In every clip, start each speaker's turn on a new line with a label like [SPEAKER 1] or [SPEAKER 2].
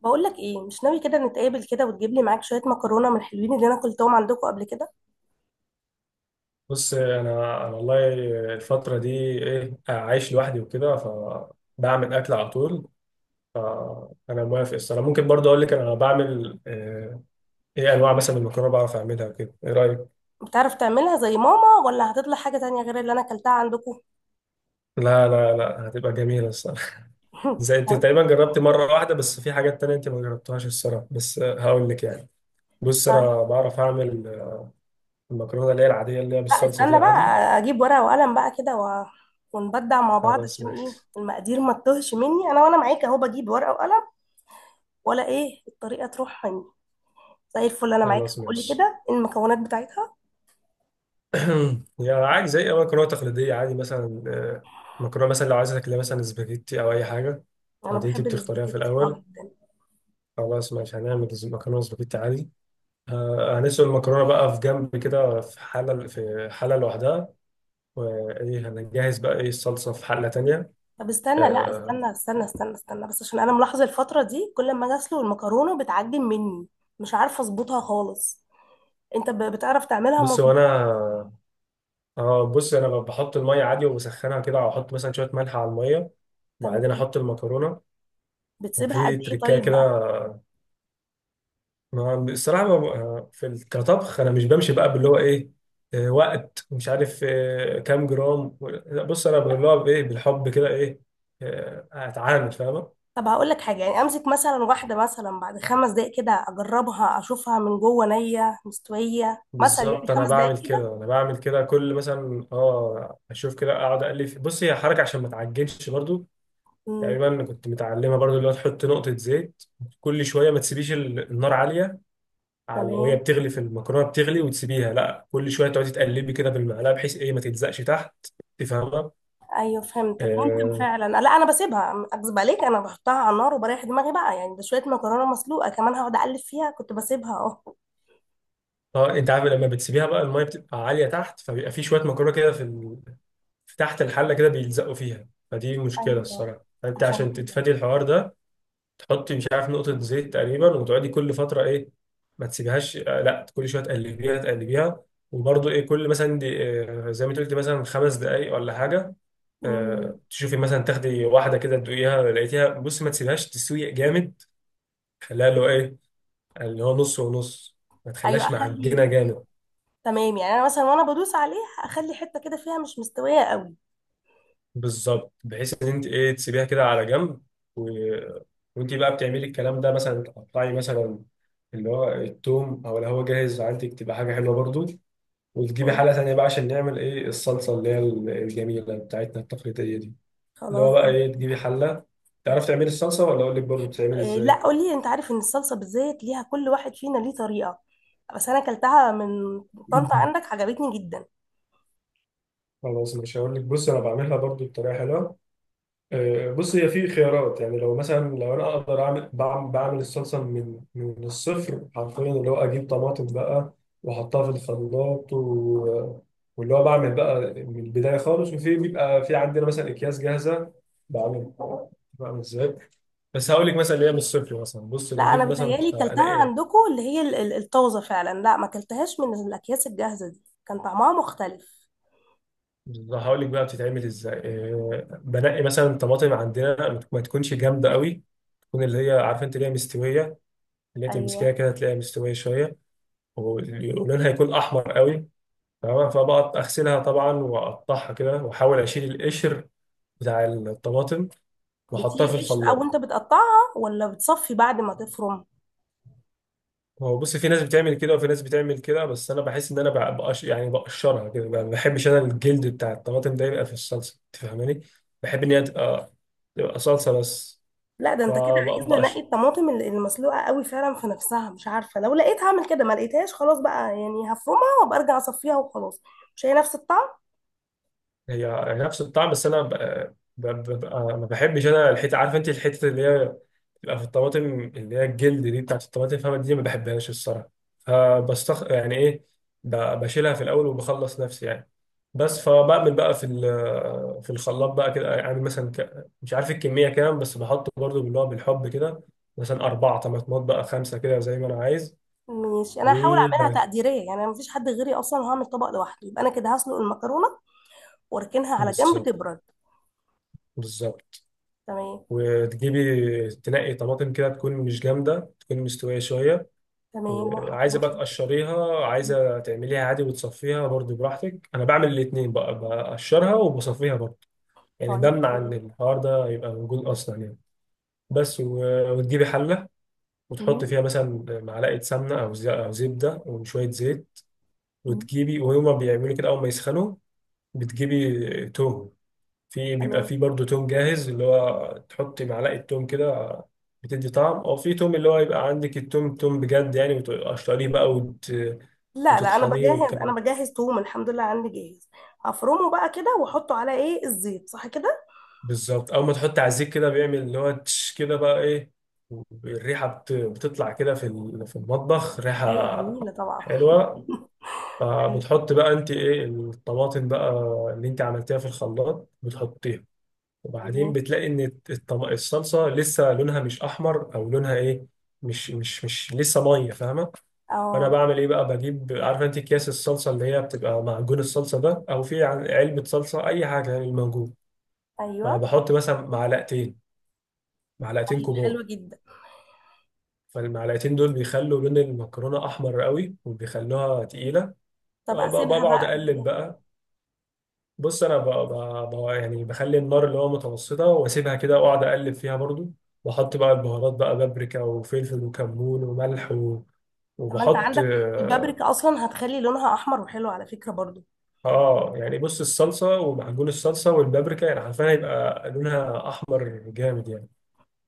[SPEAKER 1] بقول لك ايه؟ مش ناوي كده نتقابل كده وتجيب لي معاك شويه مكرونه من الحلوين اللي انا اكلتهم عندكم قبل كده؟
[SPEAKER 2] بص انا والله الفتره دي ايه، عايش لوحدي وكده فبعمل اكل على طول. فانا موافق الصراحه، ممكن برضه اقول لك انا بعمل ايه انواع مثلا من المكرونه بعرف اعملها وكده. ايه رايك؟
[SPEAKER 1] بتعرف تعملها زي ماما ولا هتطلع حاجه تانية غير اللي انا اكلتها عندكم؟
[SPEAKER 2] لا هتبقى جميله الصراحه. زي انت
[SPEAKER 1] طيب.
[SPEAKER 2] تقريبا جربت مره واحده، بس في حاجات تانية انت ما جربتهاش الصراحه، بس هقول لك يعني. بص
[SPEAKER 1] طيب.
[SPEAKER 2] انا بعرف اعمل المكرونه اللي هي العاديه اللي هي
[SPEAKER 1] لا،
[SPEAKER 2] بالصلصه دي
[SPEAKER 1] استنى بقى،
[SPEAKER 2] عادي.
[SPEAKER 1] اجيب ورقه وقلم بقى كده ونبدع مع بعض
[SPEAKER 2] خلاص
[SPEAKER 1] عشان ايه
[SPEAKER 2] ماشي.
[SPEAKER 1] المقادير ما تتوهش مني، انا وانا معاك اهو بجيب ورقه وقلم، ولا ايه الطريقه تروح مني. زي الفل، انا معاك،
[SPEAKER 2] خلاص
[SPEAKER 1] قولي
[SPEAKER 2] ماشي.
[SPEAKER 1] كده، إيه المكونات بتاعتها؟
[SPEAKER 2] يعني عادي زي أي مكرونة تقليدية عادي مثلا، مكرونة مثلا لو عايزة تاكلها مثلا سباجيتي أو أي حاجة
[SPEAKER 1] انا
[SPEAKER 2] عادي أنت
[SPEAKER 1] بحب
[SPEAKER 2] بتختاريها في
[SPEAKER 1] الاسباجيتي
[SPEAKER 2] الأول.
[SPEAKER 1] جدا.
[SPEAKER 2] خلاص ماشي، مكرونة سباجيتي عادي. هنسلق المكرونة بقى في جنب كده، في حلة لوحدها، وإيه هنجهز بقى إيه الصلصة في حلة تانية.
[SPEAKER 1] طب استنى، لا
[SPEAKER 2] آه،
[SPEAKER 1] استنى استنى استنى استنى بس عشان انا ملاحظه الفتره دي كل ما اجي اسلق المكرونه بتعجن مني، مش عارفه اظبطها خالص. انت بتعرف تعملها
[SPEAKER 2] بص هو
[SPEAKER 1] مظبوط؟
[SPEAKER 2] أنا آه بص أنا بحط المية عادي وبسخنها كده، أو أحط مثلا شوية ملح على المية،
[SPEAKER 1] بتعمل
[SPEAKER 2] وبعدين
[SPEAKER 1] ايه؟
[SPEAKER 2] أحط المكرونة،
[SPEAKER 1] بتسيبها قد
[SPEAKER 2] وفي
[SPEAKER 1] ايه
[SPEAKER 2] تريكاية
[SPEAKER 1] طيب
[SPEAKER 2] كده.
[SPEAKER 1] بقى؟
[SPEAKER 2] ما الصراحة ما ما- في ال- كطبخ أنا مش بمشي بقى باللي هو إيه، وقت مش عارف كام جرام لا، بص أنا اللي هو إيه بالحب كده إيه، أتعامل، فاهمة؟
[SPEAKER 1] طب هقول لك حاجه، يعني امسك مثلا واحده مثلا بعد 5 دقائق كده اجربها اشوفها من جوه، نيه، مستويه مثلا، يعني
[SPEAKER 2] بالظبط، أنا
[SPEAKER 1] 5 دقائق
[SPEAKER 2] بعمل
[SPEAKER 1] كده.
[SPEAKER 2] كده أنا بعمل كده كل مثلا أشوف كده، أقعد أقلب بص، هي حركة عشان ما تعجنش برضو.
[SPEAKER 1] امم.
[SPEAKER 2] تقريبا كنت متعلمة برضو اللي هو تحط نقطة زيت كل شوية. ما تسيبيش النار عالية، على وهي
[SPEAKER 1] تمام.
[SPEAKER 2] بتغلي، في المكرونة بتغلي وتسيبيها لا، كل شوية تقعدي تقلبي كده بالمعلقة بحيث إيه ما تلزقش تحت. تفهم؟
[SPEAKER 1] ايوه، فهمتك، ممكن
[SPEAKER 2] اه.
[SPEAKER 1] فعلا. لا، انا بسيبها، اكذب عليك، انا بحطها على النار وبريح دماغي بقى، يعني ده شويه مكرونه مسلوقه، كمان هقعد اقلب فيها؟ كنت بسيبها اهو.
[SPEAKER 2] انت عارف لما بتسيبيها بقى الميه بتبقى عاليه تحت، فبيبقى في شويه مكرونه كده في في تحت الحله كده بيلزقوا فيها، فدي مشكله
[SPEAKER 1] ايوه،
[SPEAKER 2] الصراحه، فانت
[SPEAKER 1] عشان
[SPEAKER 2] عشان
[SPEAKER 1] كده.
[SPEAKER 2] تتفادي الحوار ده تحطي مش عارف نقطه زيت تقريبا، وتقعدي كل فتره ايه ما تسيبهاش، لا كل شويه تقلبيها تقلبيها. وبرضه ايه كل مثلا دي زي ما انت قلت مثلا 5 دقائق ولا حاجه،
[SPEAKER 1] امم.
[SPEAKER 2] تشوفي مثلا تاخدي واحده كده تدوقيها لقيتيها، بص ما تسيبهاش تسوي جامد، خليها اللي هو ايه، اللي هو نص ونص، ما
[SPEAKER 1] ايوه،
[SPEAKER 2] تخليهاش
[SPEAKER 1] اخلي.
[SPEAKER 2] معجنه جامد.
[SPEAKER 1] تمام، يعني انا مثلا وانا بدوس عليه اخلي حته كده فيها مش مستويه قوي.
[SPEAKER 2] بالظبط، بحيث ان انت ايه تسيبيها كده على جنب و... وانت بقى بتعملي الكلام ده، مثلا تقطعي مثلا اللي هو التوم، او اللي هو جاهز عندك تبقى حاجه حلوه برضو، وتجيبي
[SPEAKER 1] إيه،
[SPEAKER 2] حله تانية بقى عشان نعمل ايه الصلصه اللي هي الجميله بتاعتنا التقليديه دي. اللي هو
[SPEAKER 1] خلاص
[SPEAKER 2] بقى
[SPEAKER 1] دي.
[SPEAKER 2] ايه تجيبي حله. تعرف تعملي الصلصه ولا اقول لك برضو بتتعمل
[SPEAKER 1] إيه،
[SPEAKER 2] ازاي؟
[SPEAKER 1] لا قولي، انت عارف ان الصلصه بالزيت ليها كل واحد فينا ليه طريقه، بس انا كلتها من طنطا عندك، عجبتني جدا.
[SPEAKER 2] خلاص، مش هقول لك، بص انا بعملها برضو بطريقه حلوه. بص هي في خيارات، يعني لو مثلا، لو انا اقدر اعمل بعمل الصلصه من الصفر حرفيا، اللي هو اجيب طماطم بقى واحطها في الخلاط واللي هو بعمل بقى من البدايه خالص. وفي بيبقى في عندنا مثلا اكياس جاهزه بعمل بعمل ازاي. بس هقول لك مثلا اللي هي من الصفر، مثلا بص
[SPEAKER 1] لا، انا
[SPEAKER 2] بجيب مثلا
[SPEAKER 1] بتهيالي
[SPEAKER 2] انا
[SPEAKER 1] كلتها
[SPEAKER 2] ايه
[SPEAKER 1] عندكم اللي هي الطازه فعلا، لا ما كلتهاش من الاكياس الجاهزه دي، كان طعمها مختلف.
[SPEAKER 2] هقول لك بقى بتتعمل ازاي. بنقي مثلا طماطم عندنا ما تكونش جامده قوي، تكون اللي هي عارفه انت اللي هي مستويه، اللي هي تمسكيها
[SPEAKER 1] ايوه.
[SPEAKER 2] كده تلاقيها مستويه شويه، ولونها هيكون احمر قوي. تمام، فبقى اغسلها طبعا واقطعها كده واحاول اشيل القشر بتاع الطماطم واحطها في
[SPEAKER 1] بتيل قشر او
[SPEAKER 2] الخلاط.
[SPEAKER 1] انت بتقطعها ولا بتصفي بعد ما تفرم؟
[SPEAKER 2] هو بص في ناس بتعمل كده وفي ناس بتعمل كده، بس انا بحس ان انا بقش يعني بقشرها كده، ما بحبش انا الجلد بتاع الطماطم ده يبقى في الصلصه، انت فاهماني؟ بحب ان هي تبقى صلصه بس.
[SPEAKER 1] لا، ده انت كده عايزنا نقي
[SPEAKER 2] فبقش،
[SPEAKER 1] الطماطم اللي مسلوقه قوي فعلا في نفسها، مش عارفه، لو لقيت هعمل كده، ما لقيتهاش خلاص بقى، يعني هفرمها وابقى ارجع اصفيها وخلاص، مش هي نفس الطعم.
[SPEAKER 2] هي نفس الطعم، بس انا ببقى ما بحبش انا الحته، عارف انت الحته اللي هي لا في الطماطم اللي هي الجلد دي بتاعت الطماطم، فاهمة دي ما بحبهاش الصراحة، فبستخ يعني إيه، بشيلها في الأول وبخلص نفسي يعني. بس فبعمل بقى في في الخلاط بقى كده، يعني مثلا مش عارف الكمية كام، بس بحط برضو باللي هو بالحب كده، مثلا 4 طماطمات بقى، 5 كده زي ما أنا عايز.
[SPEAKER 1] ماشي، انا هحاول اعملها
[SPEAKER 2] وباك.
[SPEAKER 1] تقديريه، يعني انا مفيش حد غيري اصلا، وهعمل طبق لوحدي، يبقى انا كده هسلق المكرونه واركنها على جنب
[SPEAKER 2] بالظبط.
[SPEAKER 1] تبرد.
[SPEAKER 2] بالظبط.
[SPEAKER 1] تمام.
[SPEAKER 2] وتجيبي تنقي طماطم كده تكون مش جامدة، تكون مستوية شوية.
[SPEAKER 1] تمام،
[SPEAKER 2] عايزه
[SPEAKER 1] وهحطها
[SPEAKER 2] بقى
[SPEAKER 1] في
[SPEAKER 2] تقشريها،
[SPEAKER 1] الزيت.
[SPEAKER 2] عايزه تعمليها عادي وتصفيها، برضو براحتك، انا بعمل الاثنين بقى، بقشرها وبصفيها برضو، يعني
[SPEAKER 1] طيب،
[SPEAKER 2] بمنع ان
[SPEAKER 1] تمام.
[SPEAKER 2] الحوار ده يبقى موجود اصلا يعني. بس، وتجيبي حله،
[SPEAKER 1] مم.
[SPEAKER 2] وتحطي فيها مثلا معلقه سمنه او زبده وشويه زيت،
[SPEAKER 1] مم.
[SPEAKER 2] وتجيبي وهما بيعملوا كده اول ما يسخنوا بتجيبي توم. في بيبقى
[SPEAKER 1] تمام.
[SPEAKER 2] في برضه توم جاهز اللي هو تحط معلقة توم كده، بتدي طعم، او في توم اللي هو يبقى عندك التوم، توم بجد يعني، وتقشريه بقى
[SPEAKER 1] لا لا، انا
[SPEAKER 2] وتطحنيه
[SPEAKER 1] بجهز
[SPEAKER 2] والكلام
[SPEAKER 1] انا
[SPEAKER 2] ده.
[SPEAKER 1] بجهز توم، الحمد لله عندي جاهز. هفرمه بقى كده واحطه على ايه الزيت، صح كده؟
[SPEAKER 2] بالظبط، اول ما تحط عزيك كده بيعمل اللي هو تش كده، بقى ايه الريحة بتطلع كده في في المطبخ
[SPEAKER 1] هي
[SPEAKER 2] ريحة
[SPEAKER 1] جميله طبعا.
[SPEAKER 2] حلوة. فبتحط بقى انت ايه الطماطم بقى اللي انت عملتيها في الخلاط بتحطيها، وبعدين
[SPEAKER 1] تمام.
[SPEAKER 2] بتلاقي ان الصلصه لسه لونها مش احمر، او لونها ايه، مش لسه ميه، فاهمه؟ فانا
[SPEAKER 1] اه.
[SPEAKER 2] بعمل ايه بقى، بجيب عارف انت اكياس الصلصه اللي هي بتبقى معجون الصلصه ده، او في علبه صلصه اي حاجه يعني الموجود،
[SPEAKER 1] ايوه.
[SPEAKER 2] فبحط مثلا معلقتين
[SPEAKER 1] طيب حلو
[SPEAKER 2] كبار،
[SPEAKER 1] جدا.
[SPEAKER 2] فالمعلقتين دول بيخلوا لون المكرونه احمر قوي وبيخلوها تقيله.
[SPEAKER 1] طب اسيبها
[SPEAKER 2] وبقعد
[SPEAKER 1] بقى قد
[SPEAKER 2] اقلب
[SPEAKER 1] إيه؟
[SPEAKER 2] بقى، بص انا يعني بخلي النار اللي هو متوسطه، واسيبها كده واقعد اقلب فيها برضو، واحط بقى البهارات بقى، بابريكا وفلفل وكمون وملح
[SPEAKER 1] طب، ما انت
[SPEAKER 2] وبحط
[SPEAKER 1] عندك
[SPEAKER 2] اه
[SPEAKER 1] البابريكا اصلا هتخلي لونها احمر وحلو على فكره برضو.
[SPEAKER 2] يعني بص الصلصه ومعجون الصلصه والبابريكا يعني حرفيا هيبقى لونها احمر جامد يعني.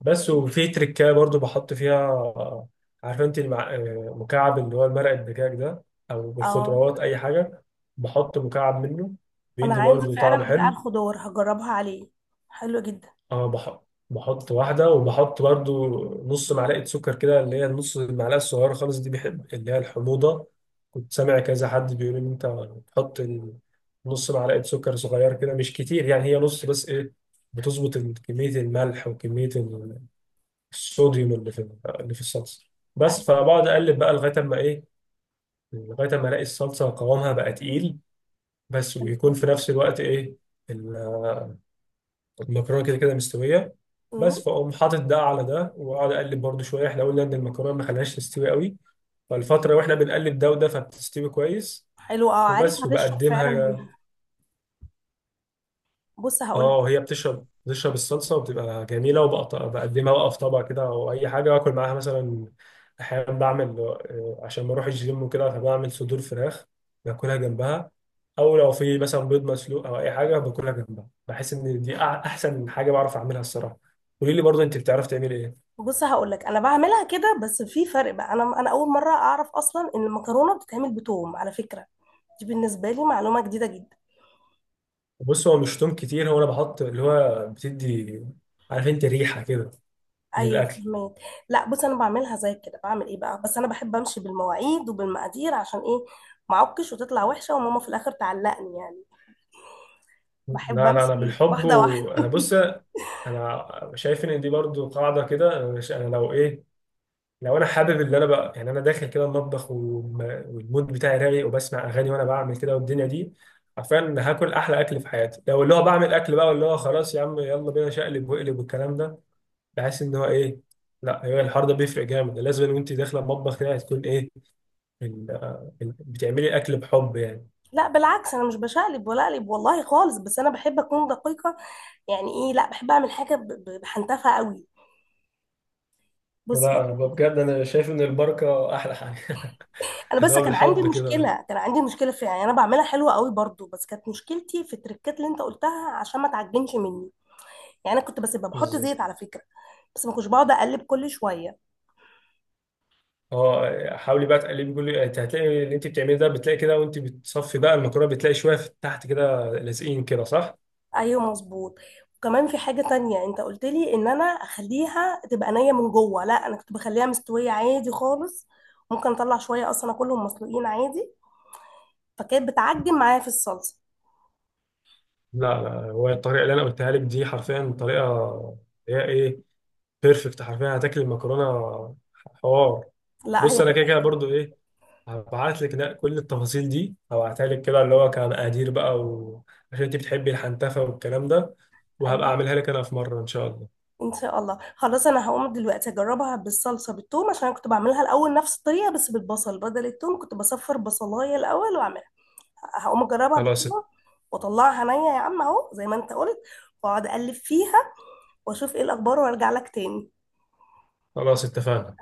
[SPEAKER 2] بس وفي تريكايه برضو بحط فيها عارفه انت المع... آه، مكعب اللي هو مرق الدجاج ده، او
[SPEAKER 1] اه،
[SPEAKER 2] بالخضروات اي حاجه، بحط مكعب منه
[SPEAKER 1] انا
[SPEAKER 2] بيدي
[SPEAKER 1] عندي
[SPEAKER 2] برضو طعم
[SPEAKER 1] فعلا بتاع
[SPEAKER 2] حلو.
[SPEAKER 1] الخضار، هجربها عليه. حلو جدا.
[SPEAKER 2] اه بحط واحدة، وبحط برضو نص معلقة سكر كده، اللي هي النص المعلقة الصغيرة خالص دي، بحب اللي هي الحموضة. كنت سامع كذا حد بيقول إن أنت بتحط نص معلقة سكر صغير كده، مش كتير يعني، هي نص، بس إيه، بتظبط كمية الملح وكمية الصوديوم اللي في اللي في الصلصة.
[SPEAKER 1] آه،
[SPEAKER 2] بس فبقعد أقلب بقى لغاية أما إيه، لغاية أما ألاقي الصلصة قوامها بقى تقيل، بس
[SPEAKER 1] حلو
[SPEAKER 2] ويكون
[SPEAKER 1] جدا.
[SPEAKER 2] في نفس الوقت إيه المكرونه كده كده مستويه.
[SPEAKER 1] أمم،
[SPEAKER 2] بس، فاقوم حاطط ده على ده واقعد اقلب برضو شويه، احنا قلنا ان المكرونه ما خليهاش تستوي قوي، فالفتره واحنا بنقلب ده وده فبتستوي كويس.
[SPEAKER 1] حلو اه، عارف
[SPEAKER 2] وبس
[SPEAKER 1] هتشرب فعلا
[SPEAKER 2] وبقدمها.
[SPEAKER 1] منها. بص هقول لك
[SPEAKER 2] اه هي بتشرب الصلصه وبتبقى جميله، وبقطع بقدمها بقى في طبق كده او اي حاجه، واكل معاها مثلا احيانا بعمل عشان بروح الجيم وكده، فبعمل صدور فراخ باكلها جنبها، او لو في مثلا بيض مسلوق او اي حاجه باكلها جنبها. بحس ان دي احسن حاجه بعرف اعملها الصراحه. قولي لي برضه انت بتعرف تعمل ايه.
[SPEAKER 1] بص هقول لك، انا بعملها كده بس في فرق بقى، انا اول مره اعرف اصلا ان المكرونه بتتعمل بتوم على فكره، دي بالنسبه لي معلومه جديده جدا.
[SPEAKER 2] بص هو مش توم كتير، هو انا بحط اللي هو بتدي عارف انت ريحه كده
[SPEAKER 1] ايوه،
[SPEAKER 2] للاكل.
[SPEAKER 1] فهمت. لا، بص انا بعملها زي كده، بعمل ايه بقى، بس انا بحب امشي بالمواعيد وبالمقادير، عشان ايه، ما اعكش وتطلع وحشه وماما في الاخر تعلقني يعني،
[SPEAKER 2] لا
[SPEAKER 1] بحب
[SPEAKER 2] لا انا
[SPEAKER 1] امشي
[SPEAKER 2] بالحب،
[SPEAKER 1] واحده
[SPEAKER 2] وانا
[SPEAKER 1] واحده.
[SPEAKER 2] بص، انا شايف ان دي برضو قاعده كده. انا مش، انا لو ايه، لو انا حابب اللي انا بقى، يعني انا داخل كده المطبخ والمود بتاعي رايق وبسمع اغاني وانا بعمل كده والدنيا دي، عارفين هاكل احلى اكل في حياتي لو اللي هو بعمل اكل بقى، واللي هو خلاص يا عم يلا بينا شقلب واقلب والكلام ده، بحس ان هو ايه، لا، هو الحوار ده بيفرق جامد، لازم وانت داخله المطبخ كده هتكون ايه ال- بتعملي اكل بحب يعني.
[SPEAKER 1] لا بالعكس، انا مش بشقلب ولا اقلب والله خالص، بس انا بحب اكون دقيقه، يعني ايه، لا بحب اعمل حاجه بحنتفها قوي. بصي،
[SPEAKER 2] ولا انا بجد انا شايف ان البركه احلى حاجه.
[SPEAKER 1] انا
[SPEAKER 2] اللي
[SPEAKER 1] بس
[SPEAKER 2] هو بالحب كده،
[SPEAKER 1] كان عندي مشكله فيها، يعني انا بعملها حلوه قوي برضو، بس كانت مشكلتي في التركات اللي انت قلتها، عشان ما تعجنش مني، يعني انا كنت بس بحط
[SPEAKER 2] بالظبط.
[SPEAKER 1] زيت على فكره، بس ما كنتش بقعد اقلب كل شويه.
[SPEAKER 2] اه حاولي بقى تقلبي كل، انت هتلاقي اللي انت بتعمليه ده بتلاقي كده وانت بتصفي بقى المكرونه بتلاقي شويه في تحت كده لازقين كده، صح؟
[SPEAKER 1] ايوه مظبوط، وكمان في حاجة تانية، انت قلت لي ان انا اخليها تبقى نية من جوه، لا انا كنت بخليها مستوية عادي خالص، ممكن اطلع شوية اصلا، اكلهم مسلوقين عادي، فكانت بتعجن معايا في الصلصة.
[SPEAKER 2] لا هو الطريقه اللي انا قلتها لك دي حرفيا طريقه هي ايه، بيرفكت، حرفيا هتاكل المكرونه حوار.
[SPEAKER 1] لا،
[SPEAKER 2] بص
[SPEAKER 1] هي
[SPEAKER 2] انا
[SPEAKER 1] كده
[SPEAKER 2] كده كده
[SPEAKER 1] حلوة.
[SPEAKER 2] برضو ايه هبعت لك، لا كل التفاصيل دي هبعتها لك كده اللي هو كمقادير بقى عشان انت بتحبي الحنتفه والكلام ده، وهبقى
[SPEAKER 1] ايوه،
[SPEAKER 2] اعملها لك انا في مره ان شاء الله.
[SPEAKER 1] ان شاء الله، خلاص انا هقوم دلوقتي اجربها بالصلصة بالثوم، عشان انا كنت بعملها الاول نفس الطريقة بس بالبصل بدل الثوم، كنت بصفر بصلاية الاول واعملها، هقوم اجربها
[SPEAKER 2] خلاص،
[SPEAKER 1] بالثوم واطلعها نية يا عم اهو زي ما انت قلت، واقعد اقلب فيها واشوف ايه الاخبار وارجع لك تاني.
[SPEAKER 2] خلاص اتفقنا.